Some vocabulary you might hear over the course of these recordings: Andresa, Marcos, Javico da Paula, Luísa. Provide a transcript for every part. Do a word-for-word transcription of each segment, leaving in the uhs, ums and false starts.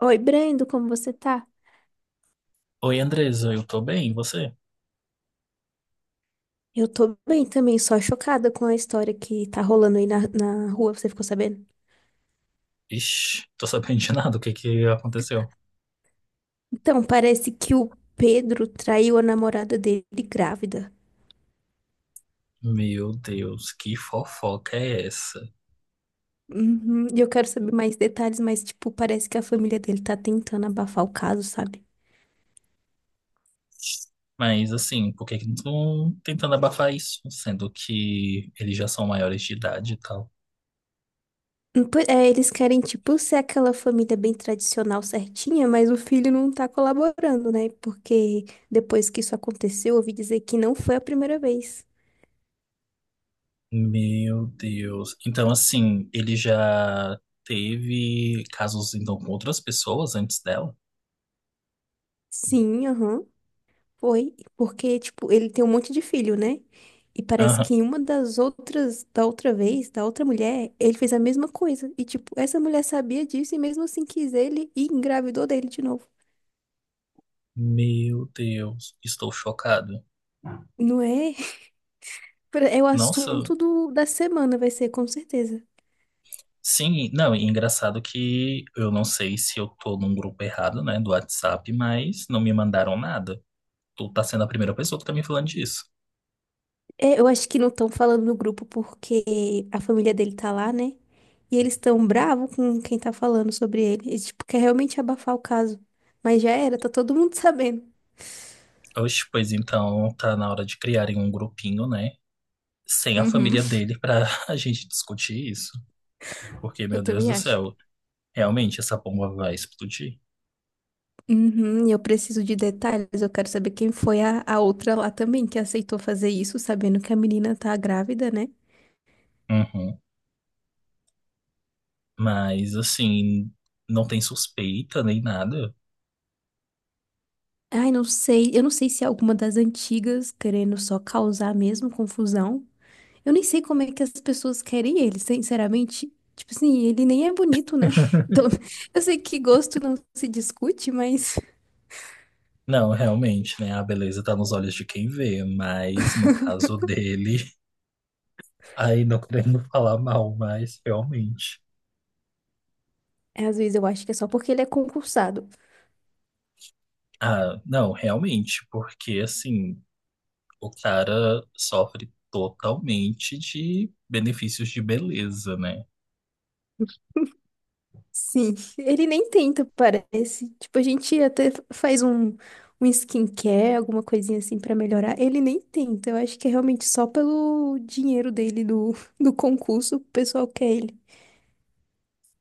Oi, Brendo, como você tá? Oi, Andresa, eu tô bem, e você? Eu tô bem também, só chocada com a história que tá rolando aí na, na rua, você ficou sabendo? Ixi, tô sabendo de nada, o que que aconteceu? Então, parece que o Pedro traiu a namorada dele grávida. Meu Deus, que fofoca é essa? Uhum, e eu quero saber mais detalhes, mas, tipo, parece que a família dele tá tentando abafar o caso, sabe? Mas assim, por que que não estão tentando abafar isso, sendo que eles já são maiores de idade e tal? Hum, po- É, eles querem, tipo, ser aquela família bem tradicional, certinha, mas o filho não tá colaborando, né? Porque depois que isso aconteceu, eu ouvi dizer que não foi a primeira vez. Meu Deus. Então, assim, ele já teve casos então com outras pessoas antes dela? Sim, aham. Foi, porque, tipo, ele tem um monte de filho, né? E parece que Aham. em uma das outras, da outra vez, da outra mulher, ele fez a mesma coisa. E, tipo, essa mulher sabia disso e mesmo assim quis ele e engravidou dele de novo. Meu Deus, estou chocado. Não é? É o Nossa, assunto do, da semana, vai ser, com certeza. sim, não, e engraçado que eu não sei se eu tô num grupo errado, né, do WhatsApp, mas não me mandaram nada. Tu tá sendo a primeira pessoa que tá me falando disso. É, eu acho que não estão falando no grupo porque a família dele tá lá, né? E eles estão bravos com quem tá falando sobre ele. Eles, tipo, quer realmente abafar o caso. Mas já era, tá todo mundo sabendo. Oxe, pois então tá na hora de criarem um grupinho, né, sem a Uhum, família dele pra a gente discutir isso. Porque, eu meu Deus também do acho. céu, realmente essa bomba vai explodir. Uhum, e eu preciso de detalhes. Eu quero saber quem foi a, a outra lá também que aceitou fazer isso, sabendo que a menina tá grávida, né? Uhum. Mas, assim, não tem suspeita nem nada. Ai, não sei. Eu não sei se é alguma das antigas querendo só causar mesmo confusão. Eu nem sei como é que as pessoas querem ele, sinceramente. Tipo assim, ele nem é bonito, né? Então, eu sei que gosto não se discute, mas Não, realmente, né, a beleza tá nos olhos de quem vê, mas no caso dele. Aí não querendo falar mal, mas realmente. é, às vezes eu acho que é só porque ele é concursado. Ah, não, realmente, porque assim, o cara sofre totalmente de benefícios de beleza, né? Sim, ele nem tenta, parece. Tipo, a gente até faz um, um skincare, alguma coisinha assim pra melhorar. Ele nem tenta. Eu acho que é realmente só pelo dinheiro dele do, do concurso, o pessoal quer ele.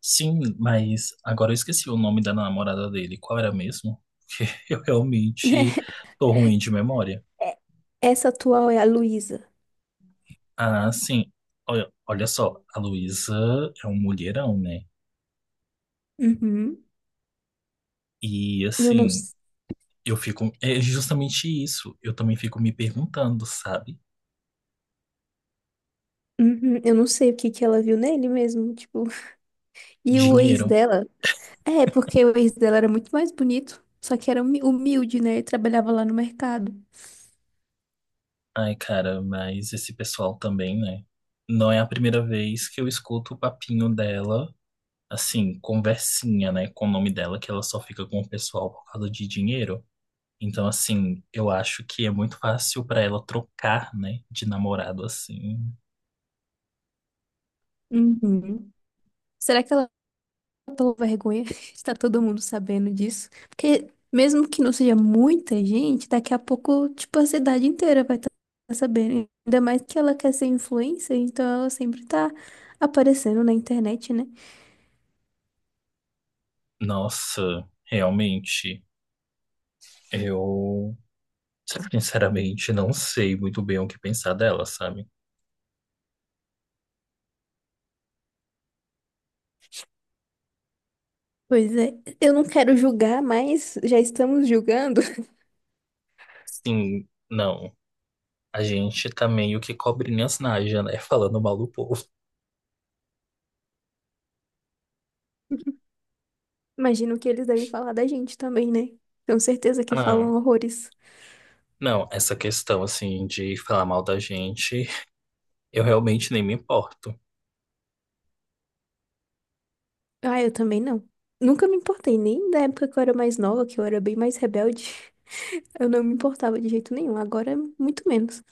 Sim, mas agora eu esqueci o nome da namorada dele. Qual era mesmo? Eu realmente tô ruim de memória. É, essa atual é a Luísa. Ah, sim. Olha, olha só, a Luísa é um mulherão, né? Uhum. E Eu não, assim, s- eu fico. É justamente isso. Eu também fico me perguntando, sabe? Uhum, eu não sei o que que ela viu nele mesmo, tipo. E o ex Dinheiro. dela? É, porque o ex dela era muito mais bonito, só que era humi- humilde, né? Ele trabalhava lá no mercado. Ai, cara, mas esse pessoal também, né? Não é a primeira vez que eu escuto o papinho dela, assim, conversinha, né, com o nome dela, que ela só fica com o pessoal por causa de dinheiro. Então, assim, eu acho que é muito fácil pra ela trocar, né, de namorado assim. Uhum. Será que ela pela vergonha está todo mundo sabendo disso. Porque mesmo que não seja muita gente, daqui a pouco, tipo, a cidade inteira vai estar sabendo. Ainda mais que ela quer ser influencer, então ela sempre tá aparecendo na internet, né? Nossa, realmente, eu sinceramente não sei muito bem o que pensar dela, sabe? Pois é, eu não quero julgar, mas já estamos julgando. Sim, não. A gente tá meio que cobrinha nas naja, né? Falando mal do povo. Imagino que eles devem falar da gente também, né? Tenho certeza que Ah, falam horrores. não, essa questão assim de falar mal da gente, eu realmente nem me importo. Ah, eu também não. Nunca me importei, nem da época que eu era mais nova, que eu era bem mais rebelde. Eu não me importava de jeito nenhum, agora é muito menos.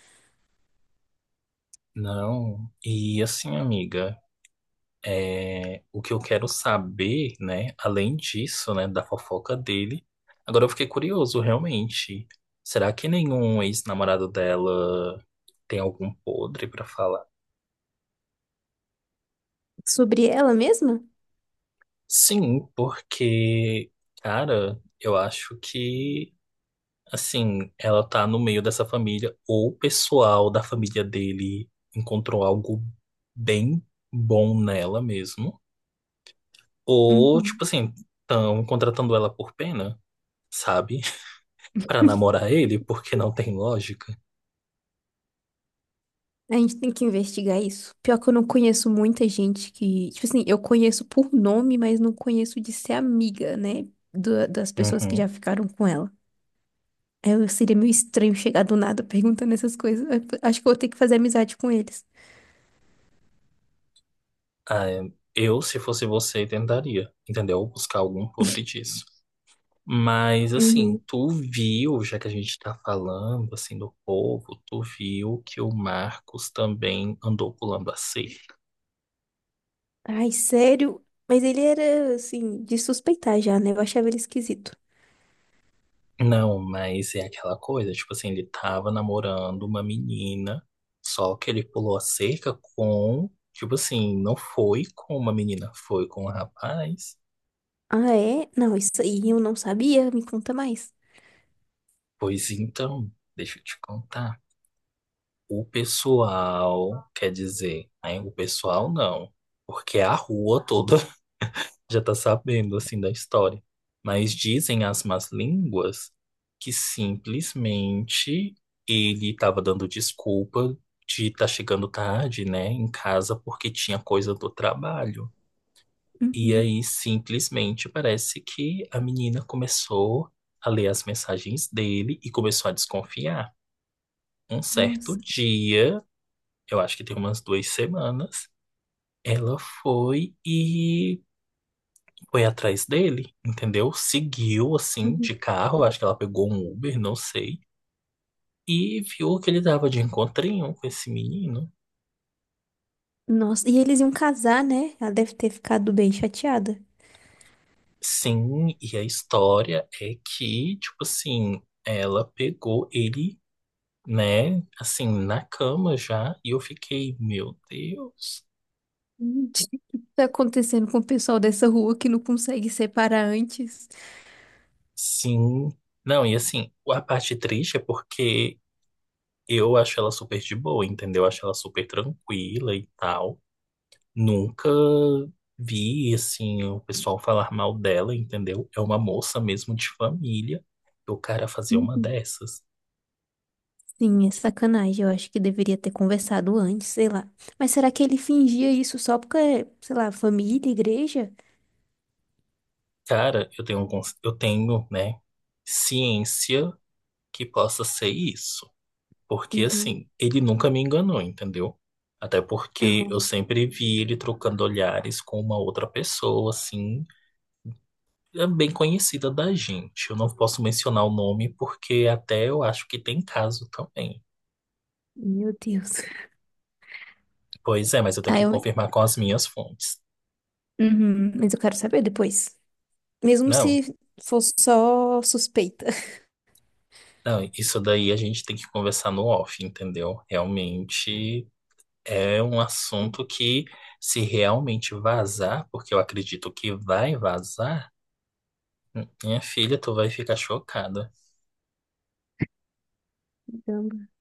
Não. E assim, amiga, é, o que eu quero saber, né, além disso, né, da fofoca dele, agora eu fiquei curioso, realmente. Será que nenhum ex-namorado dela tem algum podre pra falar? Sobre ela mesma? Sim, porque, cara, eu acho que assim, ela tá no meio dessa família, ou o pessoal da família dele encontrou algo bem bom nela mesmo, ou, Uhum. tipo assim, estão contratando ela por pena, sabe? Pra namorar ele, porque não tem lógica. A gente tem que investigar isso. Pior que eu não conheço muita gente que. Tipo assim, eu conheço por nome, mas não conheço de ser amiga, né? da- das pessoas que já Uhum. ficaram com ela. Eu seria meio estranho chegar do nada perguntando essas coisas. Eu acho que eu vou ter que fazer amizade com eles. Ah, é. Eu, se fosse você, tentaria, entendeu? Buscar algum podre disso. Mas, assim, Uhum. tu viu, já que a gente tá falando, assim, do povo, tu viu que o Marcos também andou pulando a cerca. Ai, sério? Mas ele era, assim, de suspeitar já, né? Eu achava ele esquisito. Não, mas é aquela coisa, tipo assim, ele tava namorando uma menina, só que ele pulou a cerca com, tipo assim, não foi com uma menina, foi com um rapaz. Ah, é? Não, isso aí eu não sabia. Me conta mais. Pois então, deixa eu te contar. O pessoal, quer dizer, né, o pessoal não, porque a rua toda já está sabendo assim da história. Mas dizem as más línguas que simplesmente ele estava dando desculpa de estar chegando tarde, né, em casa porque tinha coisa do trabalho. E Uhum. aí simplesmente parece que a menina começou a ler as mensagens dele e começou a desconfiar. Um certo Nossa. dia, eu acho que tem umas duas semanas, ela foi e foi atrás dele, entendeu? Seguiu assim de Uhum. carro, acho que ela pegou um Uber, não sei, e viu que ele dava de encontrinho com esse menino. Nossa, e eles iam casar, né? Ela deve ter ficado bem chateada. Sim, e a história é que, tipo assim, ela pegou ele, né, assim, na cama já, e eu fiquei, meu Deus. Hum, O que está acontecendo com o pessoal dessa rua que não consegue separar antes? Sim. Não, e assim, a parte triste é porque eu acho ela super de boa, entendeu? Eu acho ela super tranquila e tal. Nunca vi, assim, o pessoal falar mal dela, entendeu? É uma moça mesmo de família. E o cara fazer uma Uhum. dessas. Sim, é sacanagem. Eu acho que deveria ter conversado antes, sei lá. Mas será que ele fingia isso só porque, sei lá, família, igreja? Cara, eu tenho alguns, eu tenho, né, ciência que possa ser isso. Porque, Uhum. assim, ele nunca me enganou, entendeu? Até porque eu Aham. sempre vi ele trocando olhares com uma outra pessoa, assim, é bem conhecida da gente. Eu não posso mencionar o nome porque até eu acho que tem caso também. Meu Deus. Pois é, mas eu tenho Ah, que eu... confirmar com as minhas fontes. Uhum, mas eu quero saber depois. Mesmo Não, se for só suspeita. não, isso daí a gente tem que conversar no off, entendeu? Realmente é um assunto que, se realmente vazar, porque eu acredito que vai vazar, minha filha, tu vai ficar chocada.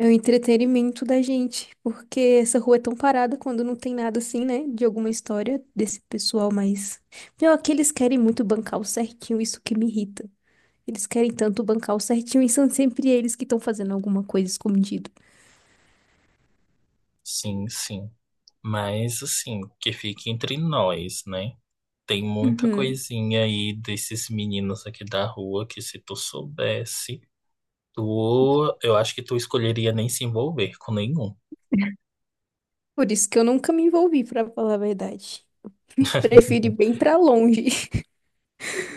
É o entretenimento da gente, porque essa rua é tão parada quando não tem nada assim, né? De alguma história desse pessoal, mas. Pior que eles querem muito bancar o certinho, isso que me irrita. Eles querem tanto bancar o certinho e são sempre eles que estão fazendo alguma coisa escondido. Sim, sim. Mas, assim, que fique entre nós, né? Tem muita Uhum. coisinha aí desses meninos aqui da rua que, se tu soubesse, tu, eu acho que tu escolheria nem se envolver com nenhum. Por isso que eu nunca me envolvi, pra falar a verdade. Prefiro ir bem pra longe.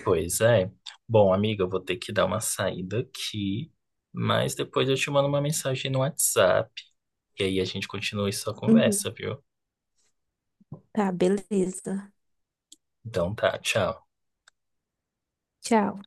Pois é. Bom, amiga, eu vou ter que dar uma saída aqui, mas depois eu te mando uma mensagem no WhatsApp e aí a gente continua essa Uhum. conversa, viu? Tá, beleza. Então tá, tchau. Tchau.